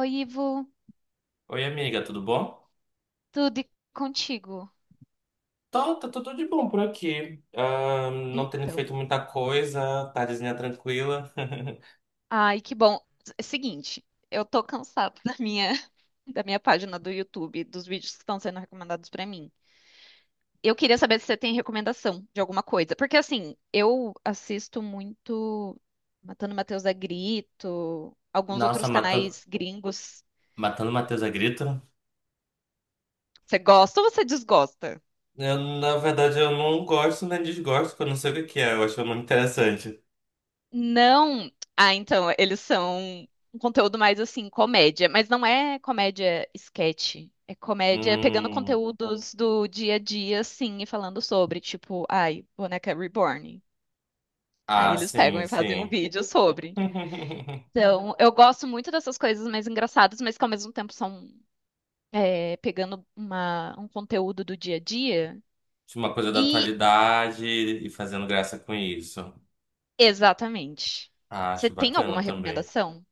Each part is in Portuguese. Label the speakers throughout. Speaker 1: Oi, Ivo,
Speaker 2: Oi, amiga, tudo bom?
Speaker 1: tudo e contigo?
Speaker 2: Tá, tá tudo de bom por aqui. Ah, não tendo feito
Speaker 1: Então,
Speaker 2: muita coisa, tardezinha tranquila.
Speaker 1: ai, que bom. É seguinte, eu tô cansada da minha da minha página do YouTube, dos vídeos que estão sendo recomendados pra mim. Eu queria saber se você tem recomendação de alguma coisa, porque assim, eu assisto muito Matando Matheus a Grito, alguns
Speaker 2: Nossa,
Speaker 1: outros
Speaker 2: matando,
Speaker 1: canais gringos.
Speaker 2: matando Matheus a grito.
Speaker 1: Você gosta ou você desgosta?
Speaker 2: Eu, na verdade, eu não gosto nem desgosto, porque eu não sei o que que é, eu acho muito interessante.
Speaker 1: Não. Ah, então, eles são um conteúdo mais assim, comédia, mas não é comédia sketch. É comédia pegando
Speaker 2: Hum,
Speaker 1: conteúdos do dia a dia, assim, e falando sobre, tipo, ai, boneca reborn. Aí
Speaker 2: ah,
Speaker 1: eles pegam
Speaker 2: sim,
Speaker 1: e fazem um
Speaker 2: sim.
Speaker 1: vídeo sobre. Então, eu gosto muito dessas coisas mais engraçadas, mas que ao mesmo tempo são pegando um conteúdo do dia a dia.
Speaker 2: De uma coisa da
Speaker 1: E,
Speaker 2: atualidade e fazendo graça com isso.
Speaker 1: exatamente.
Speaker 2: Ah,
Speaker 1: Você
Speaker 2: acho
Speaker 1: tem alguma
Speaker 2: bacana também.
Speaker 1: recomendação?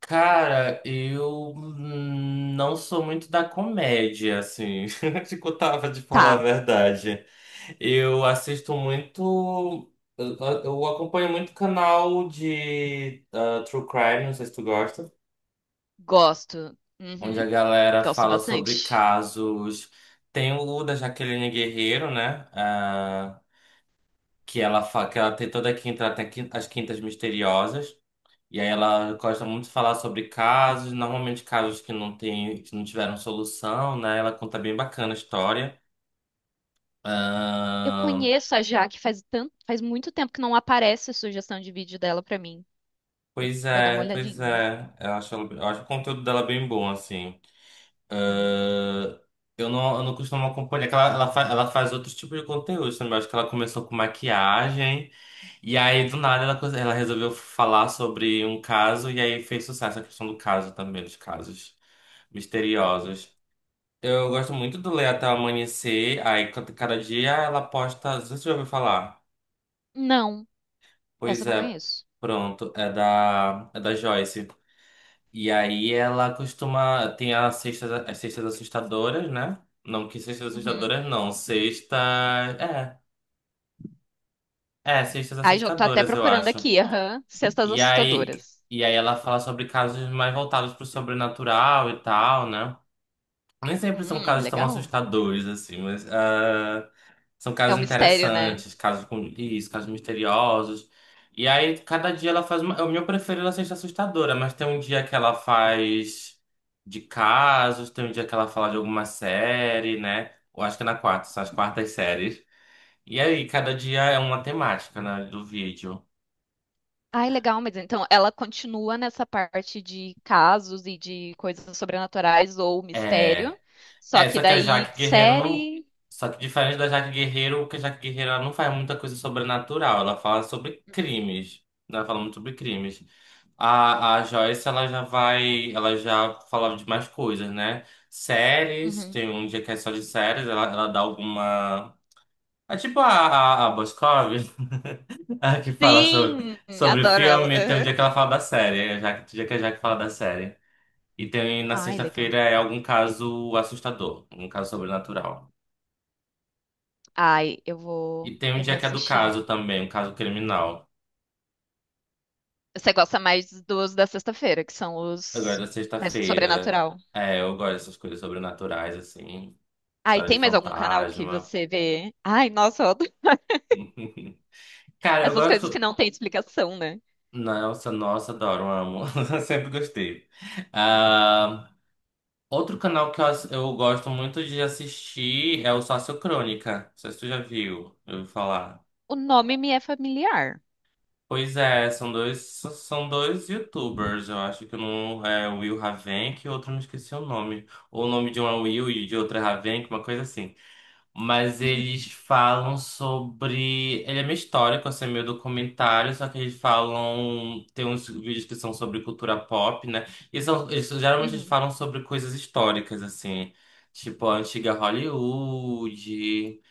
Speaker 2: Cara, eu não sou muito da comédia, assim. Te contava de falar a
Speaker 1: Tá,
Speaker 2: verdade. Eu assisto muito. Eu, eu acompanho muito canal de True Crime, não sei se tu gosta,
Speaker 1: gosto.
Speaker 2: onde a
Speaker 1: Uhum.
Speaker 2: galera
Speaker 1: Gosto
Speaker 2: fala sobre
Speaker 1: bastante.
Speaker 2: casos. Tem o da Jaqueline Guerreiro, né? Ah, que ela tem toda quinta, ela tem as quintas misteriosas. E aí ela gosta muito de falar sobre casos, normalmente casos que não tiveram solução, né? Ela conta bem bacana a história.
Speaker 1: Eu
Speaker 2: Ahn,
Speaker 1: conheço a Jaque faz muito tempo que não aparece sugestão de vídeo dela pra mim. Eu
Speaker 2: pois
Speaker 1: vou dar uma
Speaker 2: é, pois
Speaker 1: olhadinha.
Speaker 2: é. Eu acho o conteúdo dela bem bom, assim.
Speaker 1: Uhum,
Speaker 2: Ahn, eu não costumo acompanhar, é que ela faz outros tipos de conteúdo também. Eu acho que ela começou com maquiagem, e aí do nada ela resolveu falar sobre um caso, e aí fez sucesso a questão do caso também, dos casos
Speaker 1: uhum.
Speaker 2: misteriosos. Eu gosto muito do Ler Até o Amanhecer. Aí, cada dia ela posta. Não sei se você já ouviu falar.
Speaker 1: Não, essa
Speaker 2: Pois
Speaker 1: eu não
Speaker 2: é,
Speaker 1: conheço.
Speaker 2: pronto. É da Joyce. E aí ela costuma. Tem as sextas assustadoras, né? Não, que sextas
Speaker 1: Uhum.
Speaker 2: assustadoras não. Sexta. É. É, sextas
Speaker 1: Ai, já tô até
Speaker 2: assustadoras, eu
Speaker 1: procurando
Speaker 2: acho.
Speaker 1: aqui. Aham. Cestas
Speaker 2: E aí.
Speaker 1: assustadoras.
Speaker 2: E aí ela fala sobre casos mais voltados pro sobrenatural e tal, né? Nem sempre são casos tão
Speaker 1: Legal.
Speaker 2: assustadores, assim, mas. Ah, são
Speaker 1: É um
Speaker 2: casos
Speaker 1: mistério, né?
Speaker 2: interessantes, casos com isso, casos misteriosos. E aí, cada dia ela faz uma. O meu preferido ela seja assustadora, mas tem um dia que ela faz de casos, tem um dia que ela fala de alguma série, né? Eu acho que é na quarta, são as quartas séries. E aí, cada dia é uma temática, né, do vídeo.
Speaker 1: Ai, legal, mas então ela continua nessa parte de casos e de coisas sobrenaturais ou mistério.
Speaker 2: É.
Speaker 1: Só
Speaker 2: É,
Speaker 1: que
Speaker 2: só que a
Speaker 1: daí
Speaker 2: Jaque Guerreiro não.
Speaker 1: série.
Speaker 2: Só que diferente da Jaque Guerreiro, porque a Jaque Guerreiro ela não faz muita coisa sobrenatural, ela fala sobre
Speaker 1: Uhum,
Speaker 2: crimes. Né, ela fala muito sobre crimes. A Joyce, ela já falava de mais coisas, né? Séries,
Speaker 1: uhum.
Speaker 2: tem um dia que é só de séries, ela dá alguma. É tipo a Boscov, a que fala sobre,
Speaker 1: Sim,
Speaker 2: sobre
Speaker 1: adoro ela.
Speaker 2: filme, tem um dia que ela fala da série, é já, tem um dia que a Jaque fala da série. E tem na
Speaker 1: Ai, legal.
Speaker 2: sexta-feira é algum caso assustador, um caso sobrenatural.
Speaker 1: Ai, eu
Speaker 2: E
Speaker 1: vou,
Speaker 2: tem um
Speaker 1: eu vou
Speaker 2: dia que é do
Speaker 1: assistir.
Speaker 2: caso também, um caso criminal.
Speaker 1: Você gosta mais dos da sexta-feira, que são os
Speaker 2: Agora,
Speaker 1: mais
Speaker 2: sexta-feira.
Speaker 1: sobrenatural.
Speaker 2: É, eu gosto dessas coisas sobrenaturais, assim.
Speaker 1: Ai,
Speaker 2: História de
Speaker 1: tem mais algum canal que
Speaker 2: fantasma.
Speaker 1: você vê? Ai, nossa, eu adoro
Speaker 2: Cara, eu
Speaker 1: essas coisas que
Speaker 2: gosto.
Speaker 1: não tem explicação, né?
Speaker 2: Nossa, nossa, adoro, amo. Sempre gostei. Ah, outro canal que eu gosto muito de assistir é o Sociocrônica. Não sei se tu já viu, eu ouvi falar.
Speaker 1: O nome me é familiar.
Speaker 2: Pois é, são dois YouTubers, eu acho que um é o Will Ravenk e outro não esqueci o nome. Ou o nome de um é Will e de outro é Ravenk, uma coisa assim. Mas eles falam sobre. Ele é meio histórico, assim, é meio documentário, só que eles falam. Tem uns vídeos que são sobre cultura pop, né? E são, eles, geralmente eles
Speaker 1: Uhum.
Speaker 2: falam sobre coisas históricas, assim, tipo a antiga Hollywood,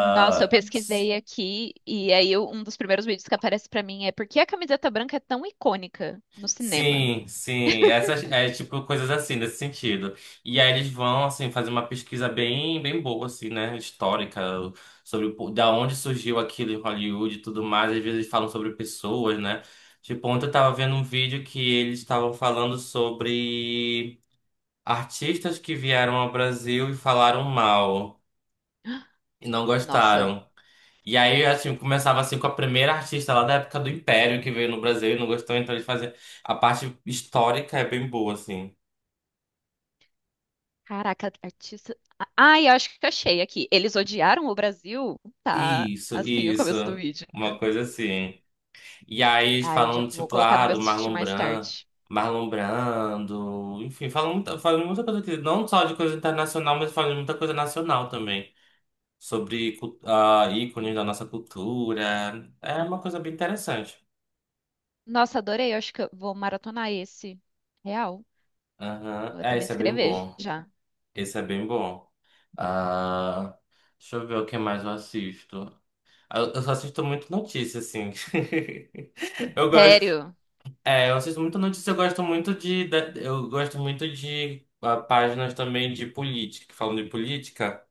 Speaker 1: Nossa, eu pesquisei aqui e aí um dos primeiros vídeos que aparece pra mim é por que a camiseta branca é tão icônica no cinema?
Speaker 2: sim, sim. Essas é tipo coisas assim nesse sentido. E aí eles vão assim fazer uma pesquisa bem boa assim, né, histórica sobre da onde surgiu aquilo em Hollywood e tudo mais. Às vezes eles falam sobre pessoas, né? Tipo, ontem eu tava vendo um vídeo que eles estavam falando sobre artistas que vieram ao Brasil e falaram mal e não
Speaker 1: Nossa.
Speaker 2: gostaram. E aí, assim, começava assim com a primeira artista lá da época do Império que veio no Brasil e não gostou, então eles faziam. A parte histórica é bem boa, assim.
Speaker 1: Caraca, artista. Ai, eu acho que achei aqui. Eles odiaram o Brasil? Tá,
Speaker 2: Isso,
Speaker 1: assim, o
Speaker 2: isso.
Speaker 1: começo do vídeo.
Speaker 2: Uma coisa assim. E aí eles
Speaker 1: Ai, já
Speaker 2: falam,
Speaker 1: vou
Speaker 2: tipo,
Speaker 1: colocar no
Speaker 2: ah,
Speaker 1: meu
Speaker 2: do
Speaker 1: assistir
Speaker 2: Marlon
Speaker 1: mais
Speaker 2: Brando,
Speaker 1: tarde.
Speaker 2: Marlon Brando, enfim, falam muita coisa aqui não só de coisa internacional, mas falam de muita coisa nacional também. Sobre ícones da nossa cultura. É uma coisa bem interessante.
Speaker 1: Nossa, adorei. Eu acho que eu vou maratonar esse. Real.
Speaker 2: Aham.
Speaker 1: Vou até
Speaker 2: É,
Speaker 1: me
Speaker 2: esse é bem
Speaker 1: inscrever
Speaker 2: bom.
Speaker 1: já.
Speaker 2: Esse é bem bom. Ah, deixa eu ver o que mais eu assisto. Ah, eu só assisto muito notícia, assim. Eu gosto.
Speaker 1: Sério?
Speaker 2: É, eu assisto muito notícia, eu gosto muito de páginas também de política, que falam de política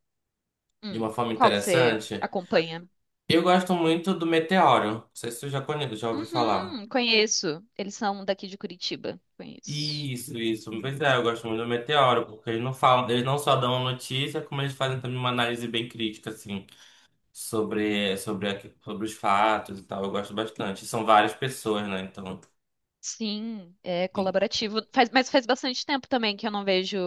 Speaker 2: de uma forma
Speaker 1: Qual que você
Speaker 2: interessante.
Speaker 1: acompanha?
Speaker 2: Eu gosto muito do Meteoro. Não sei se você já conhece, já ouviu falar.
Speaker 1: Uhum, conheço. Eles são daqui de Curitiba. Conheço.
Speaker 2: Isso, isso. Pois
Speaker 1: Uhum.
Speaker 2: é, eu gosto muito do Meteoro, porque eles não só dão a notícia, como eles fazem também uma análise bem crítica, assim. Sobre os fatos e tal. Eu gosto bastante. São várias pessoas, né? Então.
Speaker 1: Sim, é
Speaker 2: e-
Speaker 1: colaborativo. Faz bastante tempo também que eu não vejo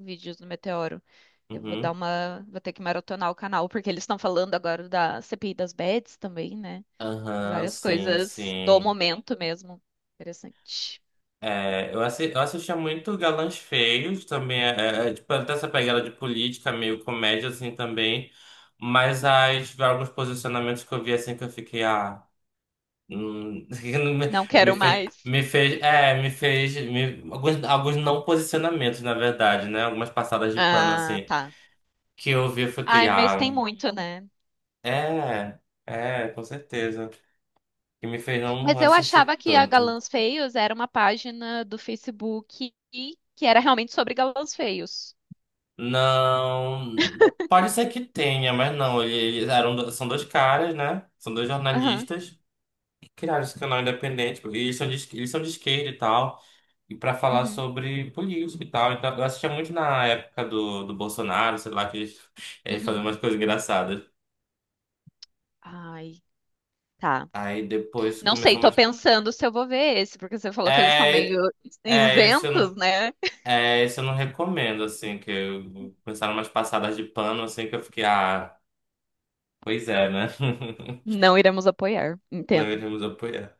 Speaker 1: vídeos do Meteoro. Eu vou dar
Speaker 2: Uhum.
Speaker 1: uma, vou ter que maratonar o canal, porque eles estão falando agora da CPI das Bets também, né?
Speaker 2: Aham,
Speaker 1: Várias
Speaker 2: sim,
Speaker 1: coisas do
Speaker 2: sim.
Speaker 1: momento mesmo. Interessante.
Speaker 2: É, eu assistia muito Galãs Feios também, é, tipo, até essa pegada de política, meio comédia assim também, mas alguns posicionamentos que eu vi assim que eu fiquei, ah, hum,
Speaker 1: Não
Speaker 2: me,
Speaker 1: quero mais.
Speaker 2: me fez, é, me fez, me- alguns, alguns não posicionamentos, na verdade, né, algumas passadas de pano
Speaker 1: Ah,
Speaker 2: assim,
Speaker 1: tá.
Speaker 2: que eu vi eu fiquei,
Speaker 1: Ai, mas tem
Speaker 2: ah,
Speaker 1: muito, né?
Speaker 2: É, é, com certeza. Que me fez não
Speaker 1: Mas eu achava
Speaker 2: assistir
Speaker 1: que a
Speaker 2: tanto.
Speaker 1: Galãs Feios era uma página do Facebook e que era realmente sobre galãs feios.
Speaker 2: Não. Pode ser que tenha, mas não. Eles eram, são dois caras, né? São dois
Speaker 1: Aham.
Speaker 2: jornalistas. Criaram esse canal independente. E eles são de, eles são de esquerda e tal. E pra falar
Speaker 1: Uhum.
Speaker 2: sobre política e tal. Então, eu assistia muito na época do Bolsonaro, sei lá, que eles faziam
Speaker 1: Uhum.
Speaker 2: umas coisas engraçadas.
Speaker 1: Ai, tá.
Speaker 2: Aí depois
Speaker 1: Não sei,
Speaker 2: começou
Speaker 1: tô
Speaker 2: mais.
Speaker 1: pensando se eu vou ver esse, porque você falou que eles são meio
Speaker 2: É, é, esse
Speaker 1: isentos,
Speaker 2: eu
Speaker 1: né?
Speaker 2: É, isso eu não recomendo, assim, começaram umas passadas de pano, assim, que eu fiquei, ah, pois é, né?
Speaker 1: Não iremos apoiar,
Speaker 2: Não
Speaker 1: entendo.
Speaker 2: iremos apoiar.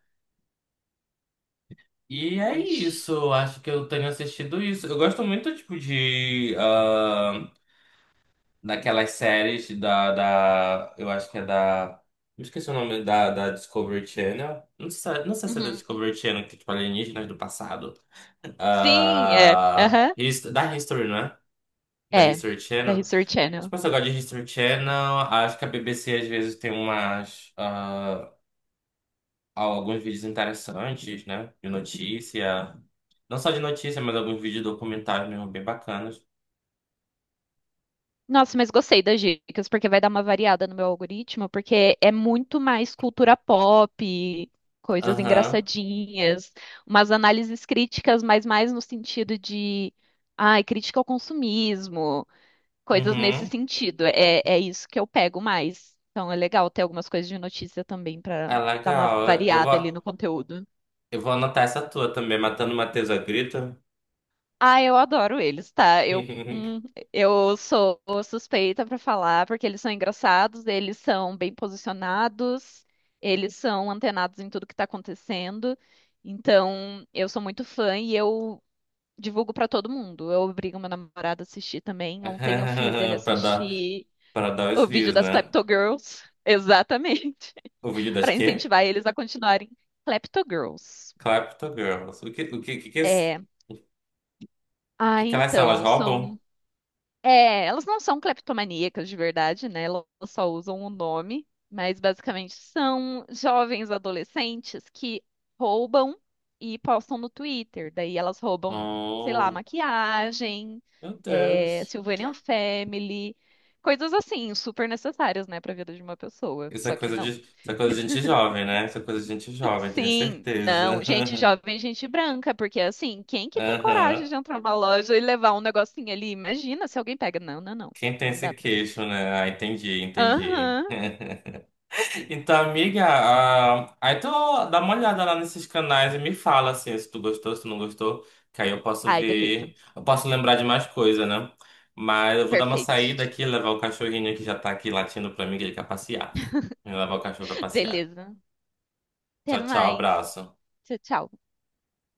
Speaker 2: E é
Speaker 1: Ixi.
Speaker 2: isso, eu acho que eu tenho assistido isso. Eu gosto muito, tipo, de... ah, daquelas séries eu acho que é da... Me esqueci o nome da Discovery Channel. Não sei, não sei se é da
Speaker 1: Uhum.
Speaker 2: Discovery Channel, que é, tipo, alienígenas do passado.
Speaker 1: Sim, é.
Speaker 2: Ah,
Speaker 1: Aham.
Speaker 2: da History, não é? Da
Speaker 1: É,
Speaker 2: History
Speaker 1: da
Speaker 2: Channel.
Speaker 1: History
Speaker 2: Se
Speaker 1: Channel.
Speaker 2: você gosta de History Channel, acho que a BBC às vezes tem umas, ah, alguns vídeos interessantes, né? De notícia. Não só de notícia, mas alguns vídeos documentários mesmo bem bacanas.
Speaker 1: Nossa, mas gostei das dicas, porque vai dar uma variada no meu algoritmo, porque é muito mais cultura pop, coisas
Speaker 2: Aham,
Speaker 1: engraçadinhas, umas análises críticas, mas mais no sentido de, ai, crítica ao consumismo. Coisas nesse
Speaker 2: uhum.
Speaker 1: sentido. É isso que eu pego mais. Então é legal ter algumas coisas de notícia também para
Speaker 2: É
Speaker 1: dar uma
Speaker 2: legal.
Speaker 1: variada ali no conteúdo.
Speaker 2: Eu vou anotar essa tua também, Matando Matheus a Grito.
Speaker 1: Ah, eu adoro eles, tá? Eu, hum, eu sou suspeita para falar porque eles são engraçados, eles são bem posicionados, eles são antenados em tudo que tá acontecendo. Então, eu sou muito fã e eu divulgo para todo mundo. Eu obrigo meu namorado a assistir também. Ontem eu fiz ele
Speaker 2: Pra dar,
Speaker 1: assistir
Speaker 2: pra dar os
Speaker 1: o vídeo
Speaker 2: views,
Speaker 1: das
Speaker 2: né?
Speaker 1: Klepto Girls, exatamente,
Speaker 2: O vídeo das
Speaker 1: para
Speaker 2: quê?
Speaker 1: incentivar eles a continuarem Klepto Girls.
Speaker 2: Clapto Girls. O que,
Speaker 1: É. Ah,
Speaker 2: que elas são? Elas
Speaker 1: então,
Speaker 2: roubam?
Speaker 1: são. É, elas não são cleptomaníacas de verdade, né? Elas só usam o nome, mas basicamente são jovens adolescentes que roubam e postam no Twitter. Daí elas roubam, sei lá,
Speaker 2: Oh,
Speaker 1: maquiagem,
Speaker 2: meu Deus.
Speaker 1: Sylvanian Family, coisas assim, super necessárias, né, para a vida de uma pessoa. Só que não.
Speaker 2: Isso é coisa de gente jovem, né? Isso é coisa de gente jovem, tenho
Speaker 1: Sim, não,
Speaker 2: certeza.
Speaker 1: gente jovem, gente branca, porque assim, quem que tem
Speaker 2: Aham.
Speaker 1: coragem de entrar numa loja e levar um negocinho ali? Imagina se alguém pega. Não, não, não,
Speaker 2: Quem tem
Speaker 1: não
Speaker 2: esse
Speaker 1: dá.
Speaker 2: queixo, né? Ah, entendi, entendi.
Speaker 1: Aham. E-
Speaker 2: Então, amiga, ah, aí tu dá uma olhada lá nesses canais e me fala assim, se tu gostou, se tu não gostou, que aí eu posso
Speaker 1: Ai, beleza.
Speaker 2: ver, eu posso lembrar de mais coisa, né? Mas eu vou dar uma
Speaker 1: Perfeito.
Speaker 2: saída aqui, levar o cachorrinho que já tá aqui latindo pra mim, que ele quer passear. Eu vou levar o cachorro pra passear.
Speaker 1: Beleza. Até
Speaker 2: Tchau, tchau,
Speaker 1: mais.
Speaker 2: abraço.
Speaker 1: Tchau, tchau.